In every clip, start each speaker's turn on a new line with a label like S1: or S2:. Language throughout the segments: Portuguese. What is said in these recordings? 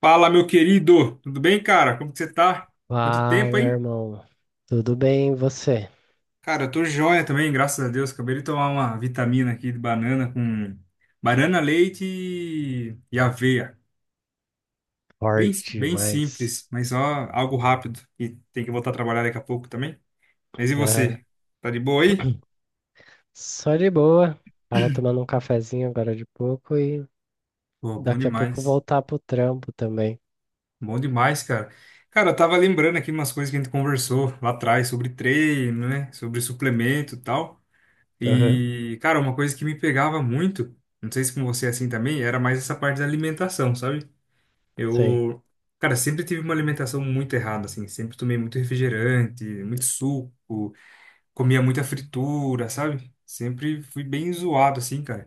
S1: Fala, meu querido! Tudo bem, cara? Como que você tá? Quanto tempo,
S2: Fala,
S1: hein?
S2: irmão. Tudo bem, e você?
S1: Cara, eu tô joia também, graças a Deus. Acabei de tomar uma vitamina aqui de banana com banana, leite e aveia. Bem,
S2: Forte
S1: bem
S2: demais.
S1: simples, mas ó, algo rápido. E tem que voltar a trabalhar daqui a pouco também. Mas e
S2: Aham.
S1: você? Tá de boa aí?
S2: Só de boa. Tava tomando um cafezinho agora de pouco e
S1: Pô, bom
S2: daqui a pouco
S1: demais.
S2: voltar pro trampo também.
S1: Bom demais, cara. Cara, eu tava lembrando aqui umas coisas que a gente conversou lá atrás sobre treino, né? Sobre suplemento e tal.
S2: Aham.
S1: E, cara, uma coisa que me pegava muito, não sei se com você é assim também, era mais essa parte da alimentação, sabe?
S2: Sei.
S1: Eu, cara, sempre tive uma alimentação muito errada, assim, sempre tomei muito refrigerante, muito suco, comia muita fritura, sabe? Sempre fui bem zoado, assim, cara.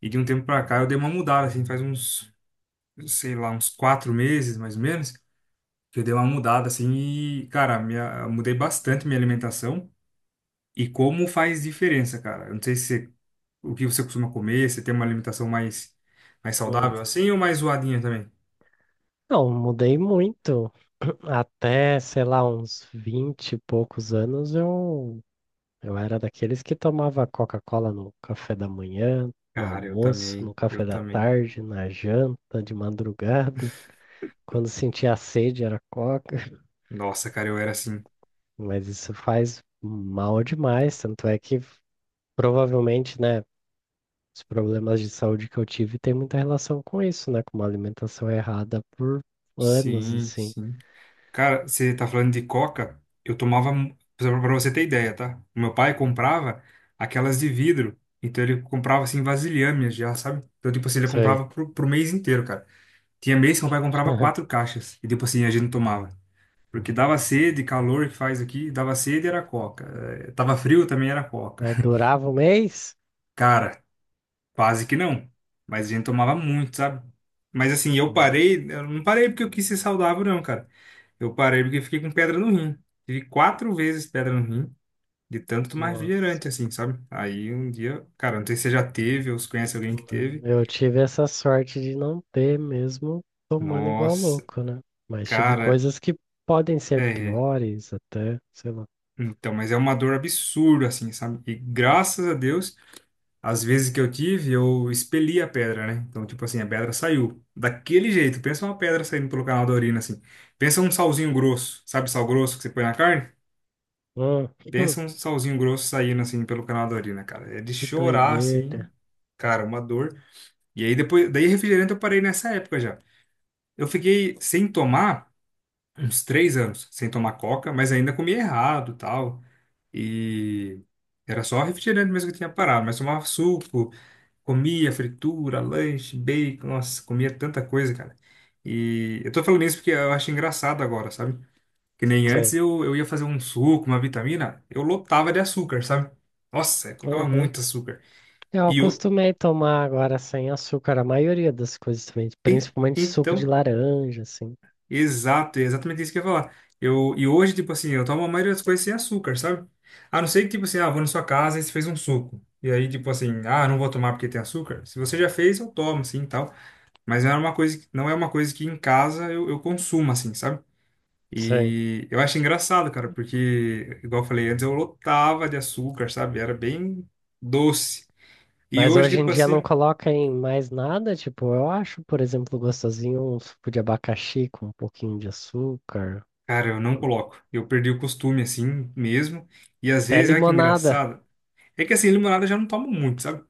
S1: E de um tempo pra cá eu dei uma mudada, assim, faz uns, sei lá, uns quatro meses, mais ou menos, que eu dei uma mudada, assim, e, cara, minha, mudei bastante minha alimentação. E como faz diferença, cara? Eu não sei se você o que você costuma comer? Você tem uma alimentação mais, mais saudável
S2: Uhum.
S1: assim ou mais zoadinha também?
S2: Não, mudei muito. Até, sei lá, uns 20 e poucos anos eu era daqueles que tomava Coca-Cola no café da manhã, no
S1: Cara, eu
S2: almoço,
S1: também,
S2: no café
S1: eu
S2: da
S1: também.
S2: tarde, na janta, de madrugada. Quando sentia sede era Coca.
S1: Nossa, cara, eu era assim.
S2: Mas isso faz mal demais, tanto é que provavelmente, né, os problemas de saúde que eu tive tem muita relação com isso, né, com uma alimentação errada por anos,
S1: Sim,
S2: assim.
S1: sim. Cara, você tá falando de coca? Eu tomava, mu- pra você ter ideia, tá? O meu pai comprava aquelas de vidro. Então ele comprava assim vasilhames já, sabe? Então, tipo assim, ele
S2: Sei.
S1: comprava pro, pro mês inteiro, cara. Tinha mês que meu pai comprava quatro caixas. E tipo assim, a gente não tomava. Porque dava sede, calor que faz aqui, dava sede era coca. Tava frio também era coca.
S2: Mas durava um mês?
S1: Cara, quase que não. Mas a gente tomava muito, sabe? Mas assim, eu
S2: Hum.
S1: parei, eu não parei porque eu quis ser saudável, não, cara. Eu parei porque fiquei com pedra no rim. Tive quatro vezes pedra no rim, de tanto tomar
S2: Nossa,
S1: refrigerante, assim, sabe? Aí um dia, cara, não sei se você já teve ou se conhece alguém que
S2: não.
S1: teve.
S2: Eu tive essa sorte de não ter mesmo tomando igual
S1: Nossa,
S2: louco, né? Mas tive
S1: cara,
S2: coisas que podem ser
S1: é.
S2: piores até, sei lá.
S1: Então, mas é uma dor absurda, assim, sabe? E graças a Deus. As vezes que eu tive, eu expeli a pedra, né? Então, tipo assim, a pedra saiu. Daquele jeito. Pensa uma pedra saindo pelo canal da urina, assim. Pensa um salzinho grosso. Sabe sal grosso que você põe na carne?
S2: Hum.
S1: Pensa
S2: Hum,
S1: um salzinho grosso saindo, assim, pelo canal da urina, cara. É de
S2: que
S1: chorar, assim.
S2: doideira.
S1: Cara, uma dor. E aí, depois... Daí, refrigerante eu parei nessa época já. Eu fiquei sem tomar uns três anos. Sem tomar coca, mas ainda comia errado, tal. E... Era só refrigerante mesmo que eu tinha parado. Mas tomava suco. Comia fritura, lanche, bacon, nossa, comia tanta coisa, cara. E eu tô falando isso porque eu acho engraçado agora, sabe? Que nem antes
S2: Sim.
S1: eu ia fazer um suco, uma vitamina, eu lotava de açúcar, sabe? Nossa, eu colocava
S2: Uhum.
S1: muito açúcar.
S2: Eu
S1: E eu,
S2: acostumei tomar agora sem açúcar a maioria das coisas também,
S1: e-
S2: principalmente suco de
S1: então,
S2: laranja, assim.
S1: exato, é exatamente isso que eu ia falar. Eu, e hoje, tipo assim, eu tomo a maioria das coisas sem açúcar, sabe? A não ser que, tipo assim, ah, vou na sua casa e você fez um suco. E aí, tipo assim, ah, não vou tomar porque tem açúcar. Se você já fez, eu tomo, assim tal. Mas não é uma coisa, que- não é uma coisa que em casa eu consumo, assim, sabe?
S2: Sim.
S1: E eu acho engraçado, cara, porque, igual eu falei antes, eu lotava de açúcar, sabe? Era bem doce. E
S2: Mas
S1: hoje,
S2: hoje em
S1: tipo
S2: dia não
S1: assim,
S2: coloca em mais nada, tipo, eu acho, por exemplo, gostosinho um suco de abacaxi com um pouquinho de açúcar,
S1: cara, eu não coloco. Eu perdi o costume, assim, mesmo. E às
S2: até
S1: vezes, olha que
S2: limonada.
S1: engraçado. É que assim, limonada eu já não tomo muito, sabe?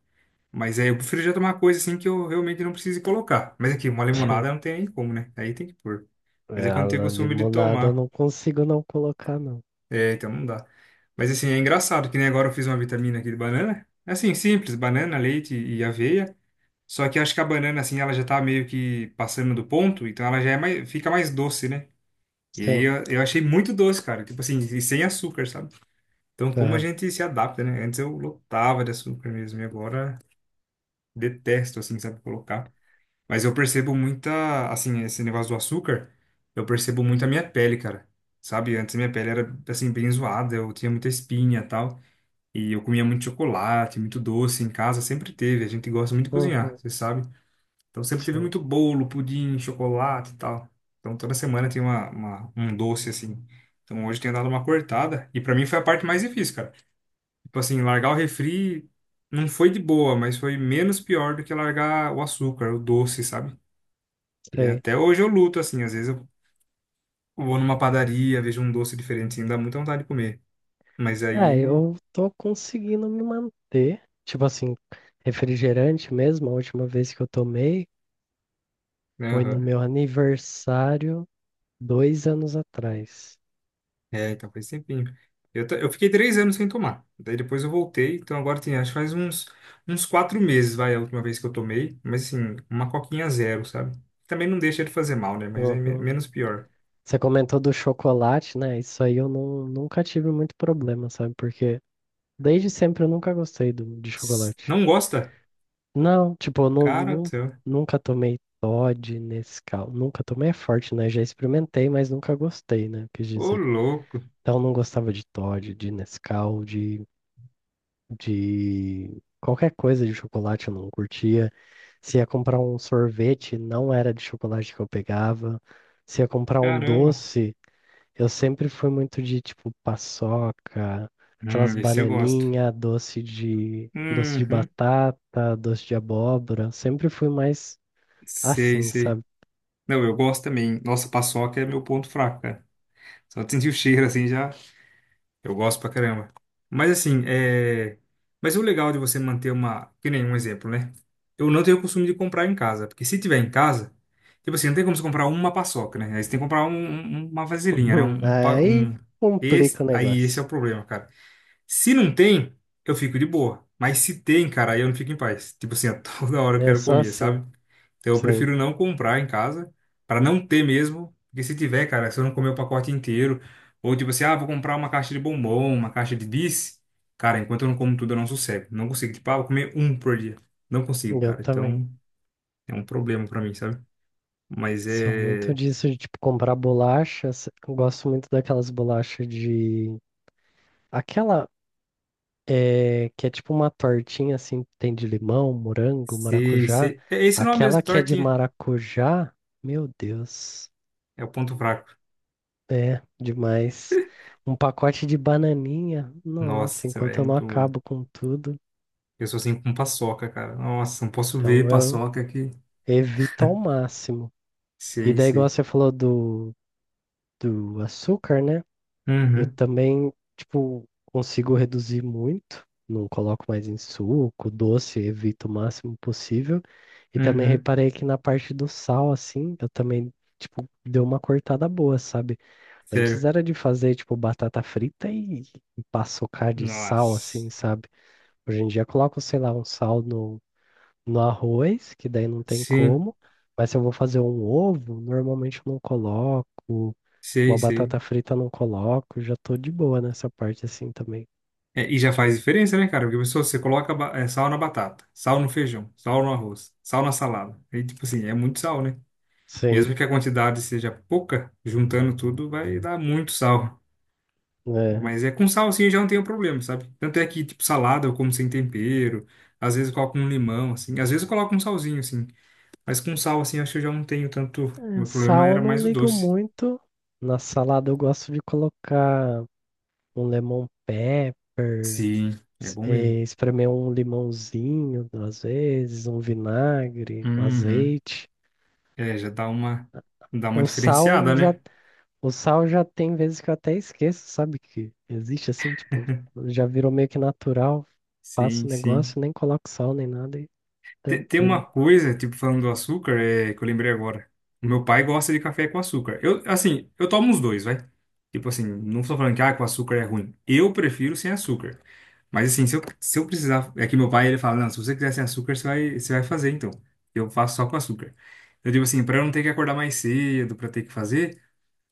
S1: Mas é, eu prefiro já tomar coisa assim que eu realmente não precise colocar. Mas aqui, uma limonada não tem nem como, né? Aí tem que pôr. Mas
S2: É,
S1: é que eu
S2: a
S1: não tenho costume de
S2: limonada eu
S1: tomar.
S2: não consigo não colocar, não.
S1: É, então não dá. Mas assim, é engraçado que nem agora eu fiz uma vitamina aqui de banana. Assim, simples, banana, leite e aveia. Só que acho que a banana, assim, ela já tá meio que passando do ponto, então ela já é mais, fica mais doce, né? E aí
S2: Sim.
S1: eu achei muito doce, cara. Tipo assim, e sem açúcar, sabe? Então como a
S2: Aham.
S1: gente se adapta, né? Antes eu lotava de açúcar mesmo, e agora detesto, assim, sabe, colocar. Mas eu percebo muita, assim, esse negócio do açúcar, eu percebo muito a minha pele, cara. Sabe? Antes minha pele era, assim, bem zoada, eu tinha muita espinha e tal. E eu comia muito chocolate, muito doce em casa, sempre teve. A gente gosta muito de cozinhar,
S2: Uhum.
S1: você sabe? Então sempre teve
S2: Sim.
S1: muito bolo, pudim, chocolate e tal. Então toda semana tem uma- um doce assim. Então hoje eu tenho dado uma cortada. E pra mim foi a parte mais difícil, cara. Tipo assim, largar o refri não foi de boa, mas foi menos pior do que largar o açúcar, o doce, sabe? E
S2: Sei.
S1: até hoje eu luto, assim. Às vezes eu vou numa padaria, vejo um doce diferente, assim, dá muita vontade de comer. Mas
S2: É,
S1: aí.
S2: eu tô conseguindo me manter. Tipo assim, refrigerante mesmo, a última vez que eu tomei. Foi no
S1: Aham.
S2: meu aniversário 2 anos atrás.
S1: É, então faz tempinho. Eu, ta- eu fiquei três anos sem tomar. Daí depois eu voltei. Então agora tem, acho que faz uns, uns quatro meses, vai, a última vez que eu tomei. Mas assim, uma coquinha zero, sabe? Também não deixa de fazer mal, né? Mas é me-
S2: Uhum.
S1: menos pior.
S2: Você comentou do chocolate, né? Isso aí eu não, nunca tive muito problema, sabe? Porque desde sempre eu nunca gostei de
S1: S-
S2: chocolate.
S1: Não gosta?
S2: Não, tipo, eu não,
S1: Cara do
S2: não-
S1: céu.
S2: nunca tomei Toddy, Nescau. Nunca tomei é forte, né? Já experimentei, mas nunca gostei, né? Quis
S1: Ô,
S2: dizer.
S1: louco.
S2: Então eu não gostava de Toddy, de Nescau, de qualquer coisa de chocolate eu não curtia. Se ia comprar um sorvete, não era de chocolate que eu pegava. Se ia comprar um
S1: Caramba.
S2: doce, eu sempre fui muito de tipo paçoca, aquelas
S1: Esse eu gosto.
S2: bananinha, doce de
S1: Uhum.
S2: batata, doce de abóbora. Sempre fui mais
S1: Sei,
S2: assim,
S1: sei.
S2: sabe?
S1: Não, eu gosto também. Nossa, paçoca é meu ponto fraco, cara. Só de sentir o cheiro, assim, já. Eu gosto pra caramba. Mas assim, é... Mas o legal de você manter uma... Que nem um exemplo, né? Eu não tenho o costume de comprar em casa. Porque se tiver em casa... Tipo assim, não tem como você comprar uma paçoca, né? Aí você tem que comprar um- um- uma vasilhinha, né? Um, pa-
S2: Aí
S1: um... Esse...
S2: complica o
S1: Aí esse é
S2: negócio.
S1: o problema, cara. Se não tem, eu fico de boa. Mas se tem, cara, aí eu não fico em paz. Tipo assim, a toda hora eu
S2: Eu
S1: quero
S2: sou
S1: comer,
S2: assim,
S1: sabe? Então eu
S2: sim,
S1: prefiro não comprar em casa, pra não ter mesmo. Porque se tiver, cara, se eu não comer o pacote inteiro, ou tipo assim, ah, vou comprar uma caixa de bombom, uma caixa de bis, cara, enquanto eu não como tudo, eu não sossego. Não consigo, tipo, ah, vou comer um por dia. Não consigo,
S2: eu
S1: cara.
S2: também.
S1: Então é um problema pra mim, sabe? Mas
S2: Sou muito
S1: é.
S2: disso de tipo comprar bolachas. Gosto muito daquelas bolachas de aquela. É, que é tipo uma tortinha assim, tem de limão, morango,
S1: Se,
S2: maracujá.
S1: se... É esse o nome
S2: Aquela
S1: mesmo,
S2: que é de
S1: tortinha.
S2: maracujá, meu Deus,
S1: É o ponto fraco.
S2: é demais. Um pacote de bananinha, nossa,
S1: Nossa, velho,
S2: enquanto
S1: é
S2: eu não
S1: muito.
S2: acabo com tudo,
S1: Eu sou assim com paçoca, cara. Nossa, não posso ver
S2: então eu
S1: paçoca aqui.
S2: evito ao máximo. E
S1: Sei,
S2: daí, igual
S1: sei.
S2: você falou do açúcar, né? Eu
S1: Uhum,
S2: também, tipo, consigo reduzir muito, não coloco mais em suco, doce, evito o máximo possível. E também
S1: uhum.
S2: reparei que na parte do sal, assim, eu também, tipo, deu uma cortada boa, sabe? Antes
S1: Sério.
S2: era de fazer, tipo, batata frita e paçocar de sal,
S1: Nossa.
S2: assim, sabe? Hoje em dia eu coloco, sei lá, um sal no arroz, que daí não tem
S1: Sim,
S2: como. Mas se eu vou fazer um ovo, normalmente eu não coloco.
S1: sei,
S2: Uma
S1: sei.
S2: batata frita eu não coloco, já tô de boa nessa parte assim também.
S1: É, e já faz diferença, né, cara? Porque a pessoa, você coloca ba- é, sal na batata, sal no feijão, sal no arroz, sal na salada. E, tipo assim, é muito sal, né?
S2: Sim,
S1: Mesmo que a quantidade seja pouca, juntando tudo, vai dar muito sal.
S2: é.
S1: Mas é com sal, assim, eu já não tenho problema, sabe? Tanto é que, tipo, salada eu como sem tempero. Às vezes eu coloco um limão, assim. Às vezes eu coloco um salzinho, assim. Mas com sal, assim, acho que eu já não tenho tanto.
S2: É,
S1: Meu problema
S2: sal eu
S1: era
S2: não
S1: mais o
S2: ligo
S1: doce.
S2: muito. Na salada eu gosto de colocar um lemon pepper,
S1: Sim, é bom mesmo.
S2: espremer um limãozinho, às vezes, um vinagre, um
S1: Uhum.
S2: azeite.
S1: É, já dá uma
S2: O sal
S1: diferenciada,
S2: já,
S1: né?
S2: o sal já tem vezes que eu até esqueço, sabe? Que existe assim, tipo, já virou meio que natural. Faço
S1: Sim,
S2: o
S1: sim.
S2: negócio, nem coloco sal nem nada e
S1: Te- Tem
S2: tranquilo.
S1: uma coisa, tipo, falando do açúcar, é, que eu lembrei agora. O meu pai gosta de café com açúcar. Eu, assim, eu tomo os dois, vai. Tipo assim, não estou falando que ah, com açúcar é ruim. Eu prefiro sem açúcar. Mas assim, se eu precisar. É que meu pai, ele fala: não, se você quiser sem açúcar, você vai fazer então. Eu faço só com açúcar. Eu digo assim, para eu não ter que acordar mais cedo, para ter que fazer,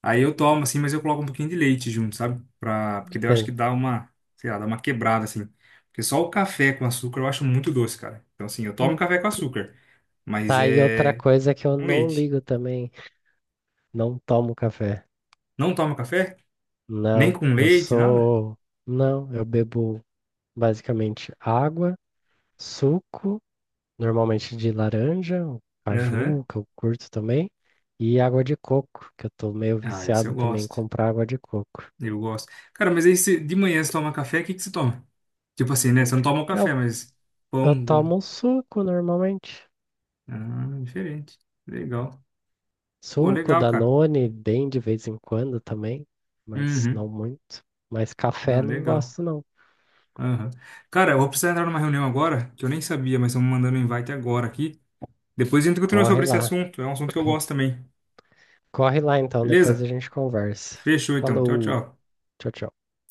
S1: aí eu tomo, assim, mas eu coloco um pouquinho de leite junto, sabe? Pra... Porque daí eu acho que
S2: Sim.
S1: dá uma, sei lá, dá uma quebrada, assim. Porque só o café com açúcar eu acho muito doce, cara. Então, assim, eu tomo café com açúcar, mas
S2: Tá aí outra
S1: é
S2: coisa que eu
S1: com
S2: não
S1: leite.
S2: ligo também. Não tomo café.
S1: Não tomo café? Nem
S2: Não,
S1: com
S2: eu
S1: leite, nada?
S2: sou. Não, eu bebo basicamente água, suco, normalmente de laranja, ou
S1: Aham.
S2: caju, que eu curto também, e água de coco, que eu tô meio
S1: Ah, esse eu
S2: viciado também em
S1: gosto.
S2: comprar água de coco.
S1: Eu gosto. Cara, mas aí você- de manhã você toma café, o que que você toma? Tipo assim, né? Você não toma o café,
S2: Eu,
S1: mas
S2: eu
S1: pão. Com-
S2: tomo suco normalmente.
S1: Ah, diferente. Legal. Pô,
S2: Suco,
S1: legal, cara.
S2: Danone, bem de vez em quando também, mas não
S1: Uhum.
S2: muito. Mas
S1: Não,
S2: café não
S1: legal.
S2: gosto, não.
S1: Aham. Cara, eu vou precisar entrar numa reunião agora, que eu nem sabia, mas estão me mandando um invite agora aqui. Depois a gente continua
S2: Corre
S1: sobre esse
S2: lá.
S1: assunto, é um assunto que eu gosto também.
S2: Corre lá então, depois a
S1: Beleza?
S2: gente conversa.
S1: Fechou então. Tchau,
S2: Falou,
S1: tchau.
S2: tchau, tchau.